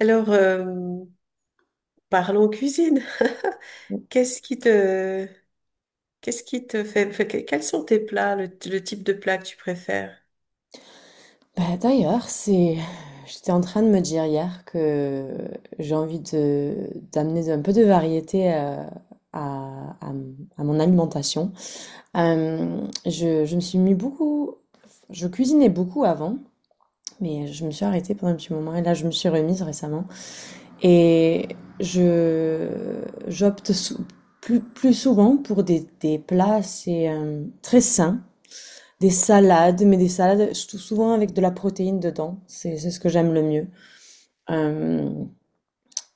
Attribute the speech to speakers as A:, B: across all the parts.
A: Alors, parlons cuisine. Qu'est-ce qui te, qu'est-ce qui te fait, fait que- quels sont tes plats, le type de plat que tu préfères?
B: Bah, d'ailleurs, j'étais en train de me dire hier que j'ai envie de d'amener un peu de variété à, à, à mon alimentation. Je me suis mis Je cuisinais beaucoup avant, mais je me suis arrêtée pendant un petit moment et là, je me suis remise récemment. Et je j'opte sou- plus souvent pour des plats assez très sains, des salades, mais des salades souvent avec de la protéine dedans. C'est ce que j'aime le mieux. Euh,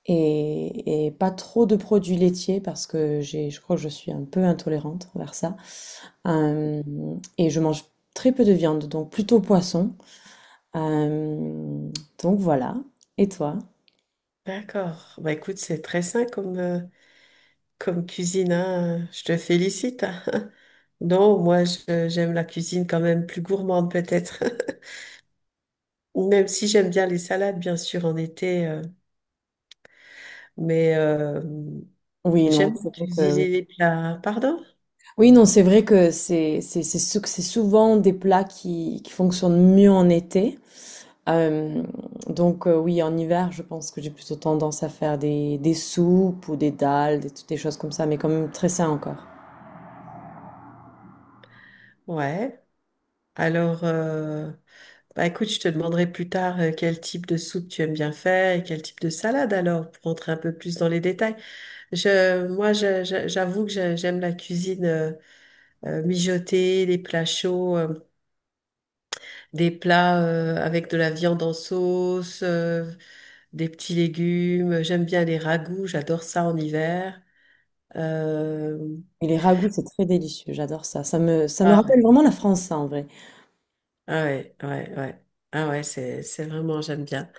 B: et pas trop de produits laitiers parce que je crois que je suis un peu intolérante envers ça. Euh, et je mange très peu de viande, donc plutôt poisson. Euh, donc voilà. Et toi?
A: D'accord. Bah écoute, c'est très sain comme cuisine, hein. Je te félicite. Non, moi, j'aime la cuisine quand même plus gourmande peut-être. Même si j'aime bien les salades, bien sûr, en été, mais
B: Oui, non,
A: j'aime
B: c'est vrai que oui.
A: cuisiner les plats. Pardon?
B: Oui, non, c'est vrai que c'est souvent des plats qui fonctionnent mieux en été. Euh, oui, en hiver, je pense que j'ai plutôt tendance à faire des soupes ou des dalles, toutes des choses comme ça, mais quand même très sain encore.
A: Ouais. Alors. Bah écoute, je te demanderai plus tard quel type de soupe tu aimes bien faire et quel type de salade alors, pour rentrer un peu plus dans les détails. Moi, j'avoue que j'aime la cuisine mijotée, les plats chauds, des plats avec de la viande en sauce, des petits légumes. J'aime bien les ragoûts, j'adore ça en hiver. Euh,
B: Et les ragoûts, c'est très délicieux, j'adore ça. Ça me rappelle vraiment la France, ça, en vrai.
A: Ah ouais, ouais, ouais. Ah ouais, c'est vraiment, j'aime bien.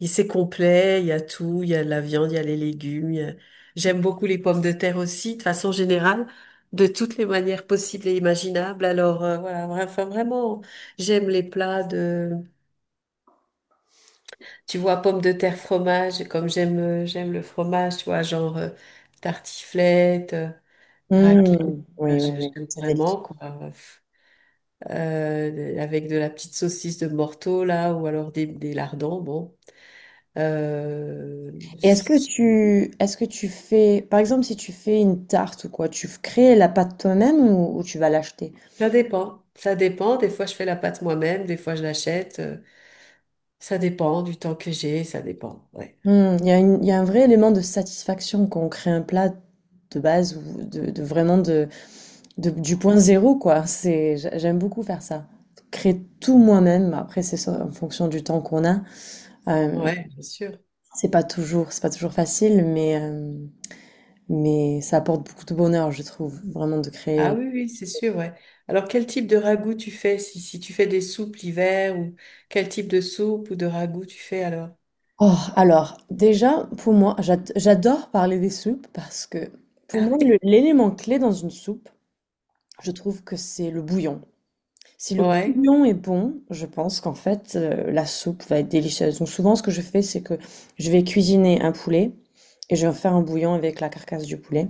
A: Il C'est complet, il y a tout, il y a de la viande, il y a les légumes. J'aime beaucoup les pommes de terre aussi, de façon générale, de toutes les manières possibles et imaginables. Alors voilà, enfin, vraiment, j'aime les plats de, tu vois, pommes de terre, fromage, comme j'aime le fromage, tu vois, genre tartiflette, raclette.
B: Mmh, oui, oui, oui,
A: J'aime
B: c'est délicieux.
A: vraiment, quoi. Avec de la petite saucisse de Morteau là, ou alors des lardons. Bon, Euh,
B: Et est-ce que tu fais, par exemple, si tu fais une tarte ou quoi, tu crées la pâte toi-même, ou tu vas l'acheter?
A: ça dépend. Ça dépend. Des fois, je fais la pâte moi-même. Des fois, je l'achète. Ça dépend du temps que j'ai. Ça dépend. Ouais.
B: Mmh, il y a un vrai élément de satisfaction quand on crée un plat de base ou de vraiment du point zéro, quoi. J'aime beaucoup faire ça. Créer tout moi-même. Après, c'est ça, en fonction du temps qu'on a. Euh,
A: Ouais, bien sûr.
B: c'est pas toujours facile, mais ça apporte beaucoup de bonheur, je trouve, vraiment de
A: Ah
B: créer.
A: oui, oui, c'est sûr. Ouais. Alors, quel type de ragoût tu fais? Si, si tu fais des soupes l'hiver ou quel type de soupe ou de ragoût tu fais alors?
B: Oh, alors, déjà, pour moi, j'adore parler des soupes parce que, pour moi, le- l'élément clé dans une soupe, je trouve que c'est le bouillon. Si le
A: Ouais.
B: bouillon est bon, je pense qu'en fait, la soupe va être délicieuse. Donc souvent, ce que je fais, c'est que je vais cuisiner un poulet et je vais faire un bouillon avec la carcasse du poulet.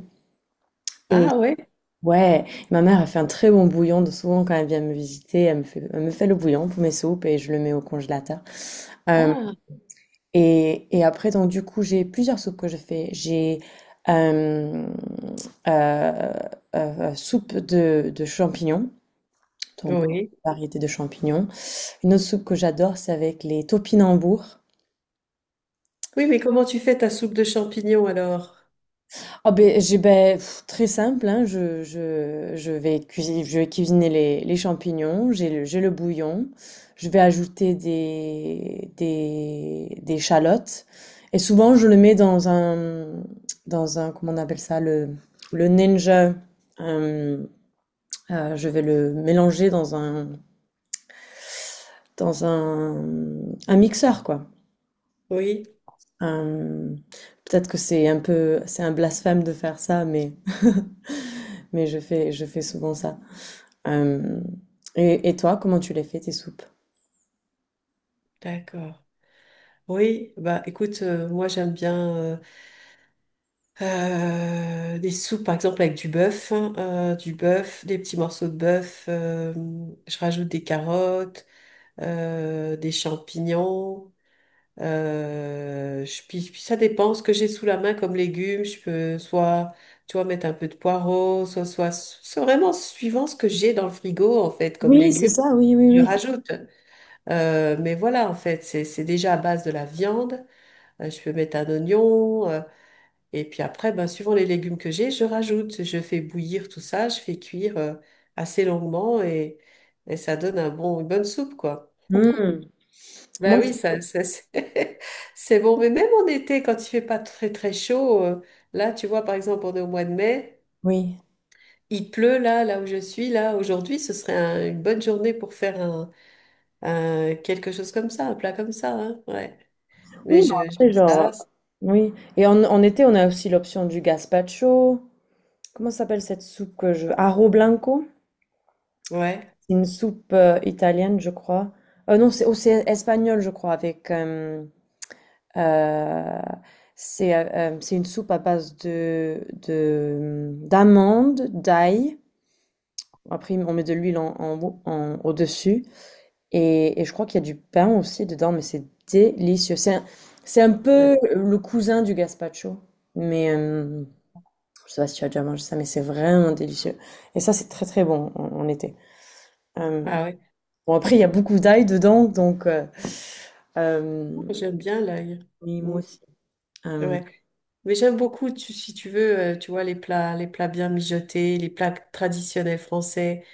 B: Et
A: Ah ouais.
B: ouais, ma mère a fait un très bon bouillon. Donc souvent, quand elle vient me visiter, elle me fait le bouillon pour mes soupes et je le mets au congélateur. Euh,
A: Ah
B: et après, donc du coup, j'ai plusieurs soupes que je fais. J'ai euh, euh, Soupe de champignons, donc
A: oui.
B: variété de champignons. Une autre soupe que j'adore, c'est avec les topinambours.
A: Oui, mais comment tu fais ta soupe de champignons alors?
B: Ah ben, très simple, hein, je vais cuisiner, les champignons, j'ai le bouillon, je vais ajouter des chalottes, et souvent je le mets dans un, comment on appelle ça, le ninja, euh, je vais le mélanger dans un mixeur, quoi.
A: Oui.
B: Euh, Peut-être que c'est un blasphème de faire ça, mais, mais je fais souvent ça. Euh, et toi, comment tu les fais, tes soupes?
A: D'accord. Oui, bah écoute, moi j'aime bien des soupes par exemple avec du bœuf, hein, du bœuf, des petits morceaux de bœuf, je rajoute des carottes, des champignons, puis ça dépend ce que j'ai sous la main comme légumes, je peux soit, tu vois, mettre un peu de poireaux, c'est vraiment suivant ce que j'ai dans le frigo en fait comme
B: Oui, c'est
A: légumes.
B: ça, oui, oui,
A: Je
B: oui.
A: rajoute. Mais voilà, en fait, c'est déjà à base de la viande. Je peux mettre un oignon. Et puis après, ben, suivant les légumes que j'ai, je rajoute. Je fais bouillir tout ça. Je fais cuire assez longuement et ça donne un bon, une bonne soupe, quoi.
B: Hmm.
A: Ben
B: Moi,
A: oui, c'est c'est bon. Mais même en été, quand il fait pas très très chaud, là, tu vois, par exemple, on est au mois de mai.
B: oui.
A: Il pleut là, là où je suis, là, aujourd'hui, ce serait une bonne journée pour faire quelque chose comme ça, un plat comme ça, hein, ouais. Mais
B: Oui, non, après,
A: j'aime
B: genre.
A: ça,
B: Oui. Et en été, on a aussi l'option du gazpacho. Comment s'appelle cette soupe Arro blanco?
A: ouais,
B: C'est une soupe italienne, je crois. Non, c'est espagnol, je crois. Euh, c'est une soupe à base de d'amandes, d'ail. Après, on met de l'huile au-dessus. Et je crois qu'il y a du pain aussi dedans, mais c'est délicieux. C'est un
A: ouais.
B: peu le cousin du gazpacho. Mais je sais pas si tu as déjà mangé ça, mais c'est vraiment délicieux. Et ça, c'est très très bon en été. Euh,
A: Ah ouais.
B: bon, après, il y a beaucoup d'ail dedans. euh,
A: J'aime bien l'ail.
B: oui, moi
A: Mm.
B: aussi. Euh,
A: Ouais. Mais j'aime beaucoup, si tu veux, tu vois, les plats bien mijotés, les plats traditionnels français.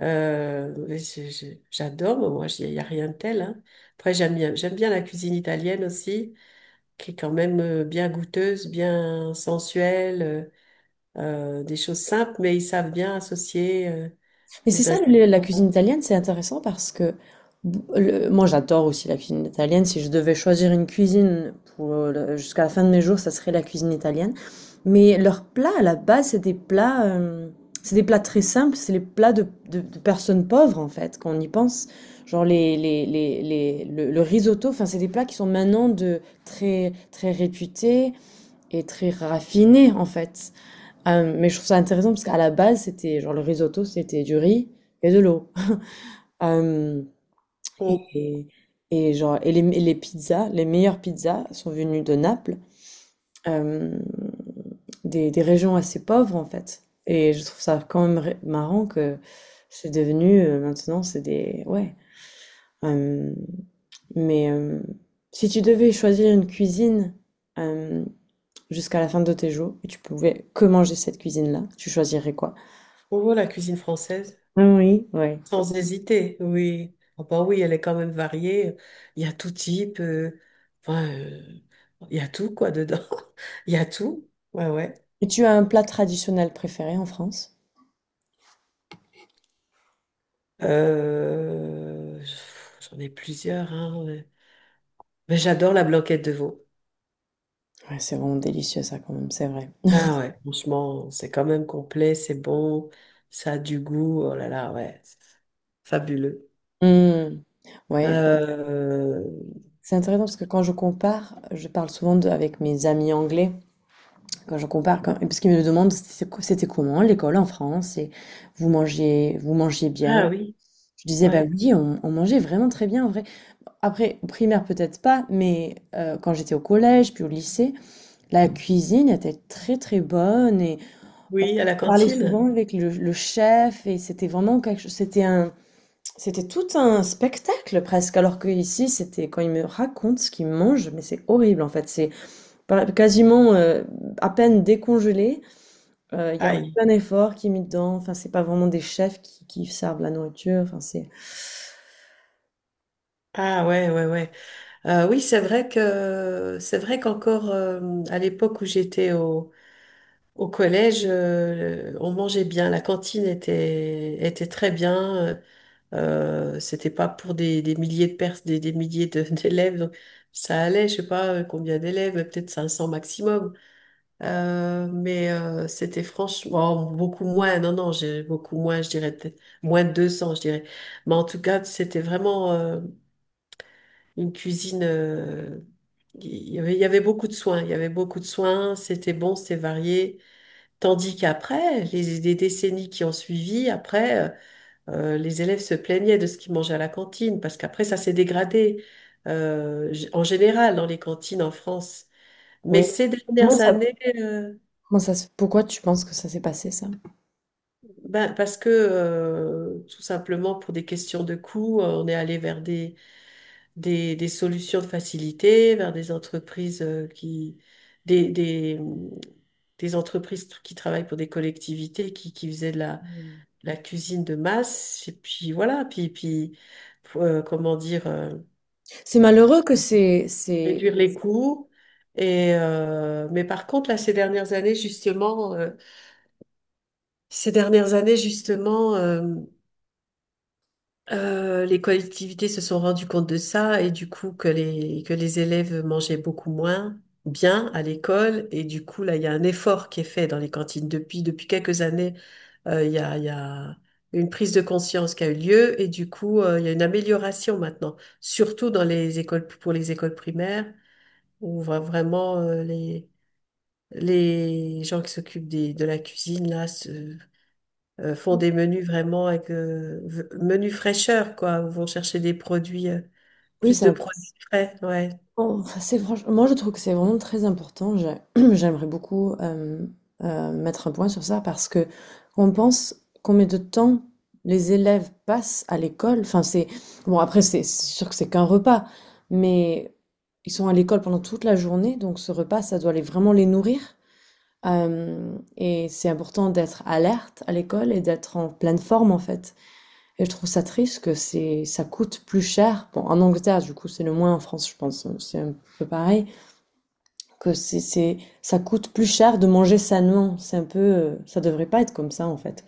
A: Ouais, j'adore, moi, il n'y a rien de tel. Hein. Après, j'aime bien la cuisine italienne aussi, qui est quand même bien goûteuse, bien sensuelle, euh, des choses simples, mais ils savent bien associer
B: Mais c'est
A: les
B: ça, la
A: ingrédients.
B: cuisine italienne, c'est intéressant parce que moi j'adore aussi la cuisine italienne. Si je devais choisir une cuisine jusqu'à la fin de mes jours, ça serait la cuisine italienne. Mais leurs plats à la base, c'est des plats très simples, c'est les plats de personnes pauvres en fait, quand on y pense. Genre le risotto, enfin c'est des plats qui sont maintenant de très très réputés et très raffinés en fait. Mais je trouve ça intéressant parce qu'à la base, c'était genre le risotto, c'était du riz et de l'eau. Euh,
A: On,
B: et, et genre, et les pizzas, les meilleures pizzas sont venues de Naples, euh, des régions assez pauvres en fait. Et je trouve ça quand même marrant que c'est devenu maintenant, c'est des. Ouais. Euh, mais si tu devais choisir une cuisine euh, jusqu'à la fin de tes jours et tu pouvais que manger cette cuisine-là, tu choisirais quoi?
A: on voit la cuisine française.
B: Oui, ouais.
A: Sans hésiter, oui. Ah bah oui, elle est quand même variée. Il y a tout type. Enfin, il y a tout, quoi, dedans. Il y a tout. Ouais, ouais.
B: Et tu as un plat traditionnel préféré en France?
A: Euh, J'en ai plusieurs, hein, ouais. Mais j'adore la blanquette de veau.
B: Ouais, c'est vraiment délicieux ça quand même, c'est vrai.
A: Ah ouais, franchement, c'est quand même complet, c'est bon, ça a du goût. Oh là là, ouais, c'est fabuleux.
B: Mmh. Ouais,
A: Euh,
B: c'est intéressant parce que quand je compare, je parle souvent avec mes amis anglais, quand je compare, quand, parce qu'ils me demandent c'était comment l'école en France et vous mangez bien.
A: ah oui,
B: Je disais bah
A: ouais.
B: oui, on mangeait vraiment très bien en vrai. Après, au primaire peut-être pas, mais quand j'étais au collège puis au lycée, la cuisine était très très bonne et On
A: Oui, à la
B: on parlait
A: cantine.
B: souvent avec le chef et c'était vraiment quelque chose, c'était tout un spectacle presque. Alors que ici, c'était quand il me raconte ce qu'il mange, mais c'est horrible en fait. C'est pas- Quasiment à peine décongelé. Il y a
A: Aïe.
B: aucun effort qui est mis dedans. Enfin, c'est pas vraiment des chefs qui servent la nourriture. Enfin,
A: Ah ouais, ouais, ouais. Oui, c'est vrai qu'encore à l'époque où j'étais au collège, on mangeait bien. La cantine était très bien. C'était pas pour des milliers de pers des milliers de- d'élèves, donc ça allait. Je sais pas combien d'élèves, mais peut-être 500 maximum. Mais c'était franchement oh, beaucoup moins. Non, non, j'ai beaucoup moins. Je dirais peut-être moins de 200, je dirais. Mais en tout cas, c'était vraiment. Une cuisine. Il y avait beaucoup de soins. Il y avait beaucoup de soins. C'était bon, c'était varié. Tandis qu'après, les décennies qui ont suivi, après, les élèves se plaignaient de ce qu'ils mangeaient à la cantine parce qu'après, ça s'est dégradé en général dans les cantines en France. Mais
B: oui.
A: ces
B: Comment
A: dernières
B: ça,
A: années,
B: Pourquoi tu penses que ça s'est passé ça?
A: ben, parce que tout simplement pour des questions de coût, on est allé vers des solutions de facilité vers des entreprises des, des, hum, qui travaillent pour des collectivités qui faisaient de la cuisine de masse. Et puis voilà, puis comment dire,
B: C'est malheureux que
A: réduire les coûts. Et mais par contre, là, ces dernières années, justement, les collectivités se sont rendues compte de ça et du coup que que les élèves mangeaient beaucoup moins bien à l'école et du coup là il y a un effort qui est fait dans les cantines depuis quelques années il y a une prise de conscience qui a eu lieu et du coup il y a une amélioration maintenant surtout dans les écoles pour les écoles primaires où on voit vraiment les gens qui s'occupent de la cuisine là font des menus vraiment avec menus fraîcheur, quoi, où vont chercher des produits,
B: oui,
A: plus
B: c'est
A: de
B: un-
A: produits frais, ouais.
B: Bon, enfin, moi je trouve que c'est vraiment très important. J'aimerais beaucoup mettre un point sur ça parce que on pense combien de temps les élèves passent à l'école. Enfin, c'est bon, après, c'est sûr que c'est qu'un repas, mais ils sont à l'école pendant toute la journée, donc ce repas ça doit vraiment les nourrir. Et c'est important d'être alerte à l'école et d'être en pleine forme en fait. Et je trouve ça triste que ça coûte plus cher. Bon, en Angleterre, du coup, c'est le moins en France, je pense, c'est un peu pareil. Que ça coûte plus cher de manger sainement. Ça devrait pas être comme ça, en fait.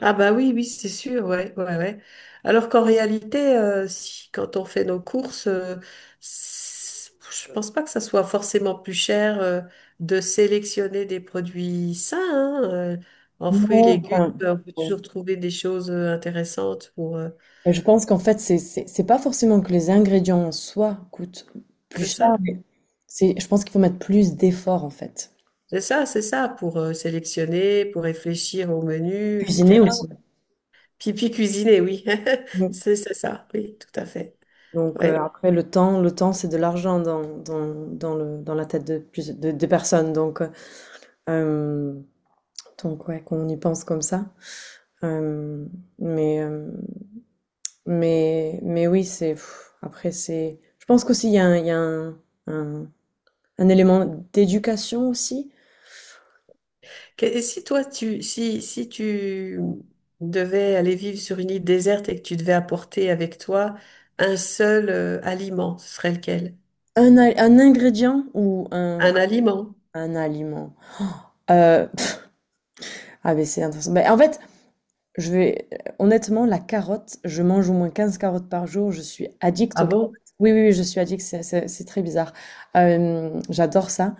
A: Ah bah oui, oui, c'est sûr, ouais, ouais, ouais. Alors qu'en réalité, si, quand on fait nos courses, c'est- je pense pas que ça soit forcément plus cher de sélectionner des produits sains, hein, en fruits et
B: Non,
A: légumes,
B: enfin,
A: on peut
B: oui.
A: toujours trouver des choses intéressantes
B: Et je pense qu'en fait, c'est pas forcément que les ingrédients en soi coûtent plus
A: c'est ça?
B: cher, mais je pense qu'il faut mettre plus d'efforts, en fait.
A: C'est ça, c'est ça, pour sélectionner, pour réfléchir au menu,
B: Cuisiner
A: etc.
B: aussi.
A: Puis cuisiner, oui.
B: Oui.
A: C'est ça, oui, tout à fait.
B: Donc,
A: Ouais.
B: après le temps c'est de l'argent dans la tête de des personnes. Euh, Donc ouais, qu'on y pense comme ça. Euh, mais, euh, mais oui, après, je pense qu'aussi, il y a un, il y a un- un élément d'éducation aussi.
A: Et si tu devais aller vivre sur une île déserte et que tu devais apporter avec toi un seul aliment, ce serait lequel?
B: Un ingrédient ou un,
A: Un aliment.
B: un aliment. Euh, pff, ah, mais c'est intéressant. Mais en fait, Je vais honnêtement, la carotte, je mange au moins 15 carottes par jour, je suis addict
A: Ah
B: aux carottes.
A: bon?
B: Oui, oui, oui, je suis addict, c'est très bizarre. J'adore ça.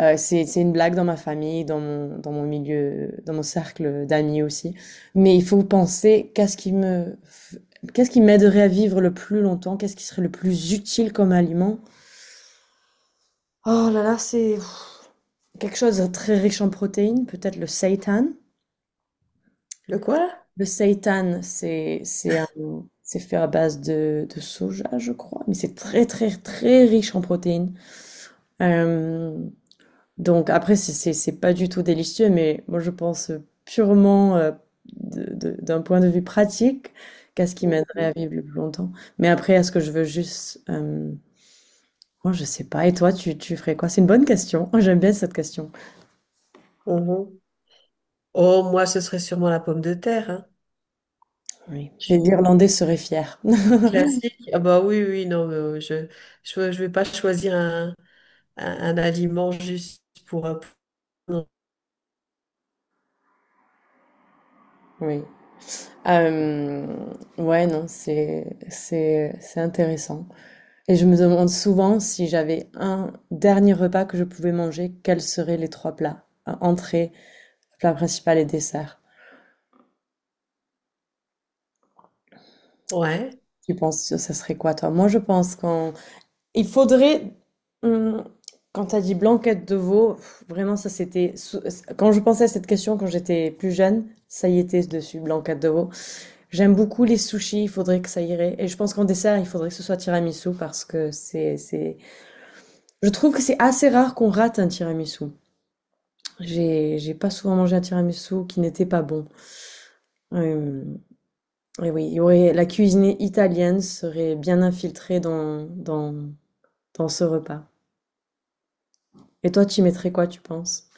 B: C'est une blague dans ma famille, dans mon milieu, dans mon cercle d'amis aussi. Mais il faut penser qu'est-ce qui m'aiderait à vivre le plus longtemps, qu'est-ce qui serait le plus utile comme aliment. Oh là là, c'est quelque chose de très riche en protéines, peut-être le seitan.
A: Le quoi?
B: Le seitan. C'est fait à base de soja, je crois, mais c'est très très très riche en protéines. Euh, donc après, c'est pas du tout délicieux, mais moi je pense purement d'un point de vue pratique qu'à ce qui m'aiderait à
A: Mhm.
B: vivre le plus longtemps. Mais après, est-ce que je veux juste. Moi je sais pas, et toi tu ferais quoi? C'est une bonne question. Oh, j'aime bien cette question.
A: Mhm. Oh, moi, ce serait sûrement la pomme de terre.
B: Oui. Les
A: Hein.
B: Irlandais seraient fiers.
A: Classique. Ah bah oui, oui, non, mais, je vais pas choisir un aliment juste pour-
B: Oui. Euh, ouais, non, c'est intéressant. Et je me demande souvent si j'avais un dernier repas que je pouvais manger, quels seraient les trois plats? Entrée, plat principal et dessert.
A: Ouais.
B: Tu penses que ça serait quoi, toi? Moi, il faudrait. hum, Quand tu as dit blanquette de veau, vraiment, Quand je pensais à cette question quand j'étais plus jeune, ça y était dessus, blanquette de veau. J'aime beaucoup les sushis, il faudrait que ça irait. Et je pense qu'en dessert, il faudrait que ce soit tiramisu parce que c'est. Je trouve que c'est assez rare qu'on rate un tiramisu. J'ai pas souvent mangé un tiramisu qui n'était pas bon. Hem, et oui, il y aurait la cuisine italienne serait bien infiltrée dans ce repas. Et toi, tu y mettrais quoi, tu penses?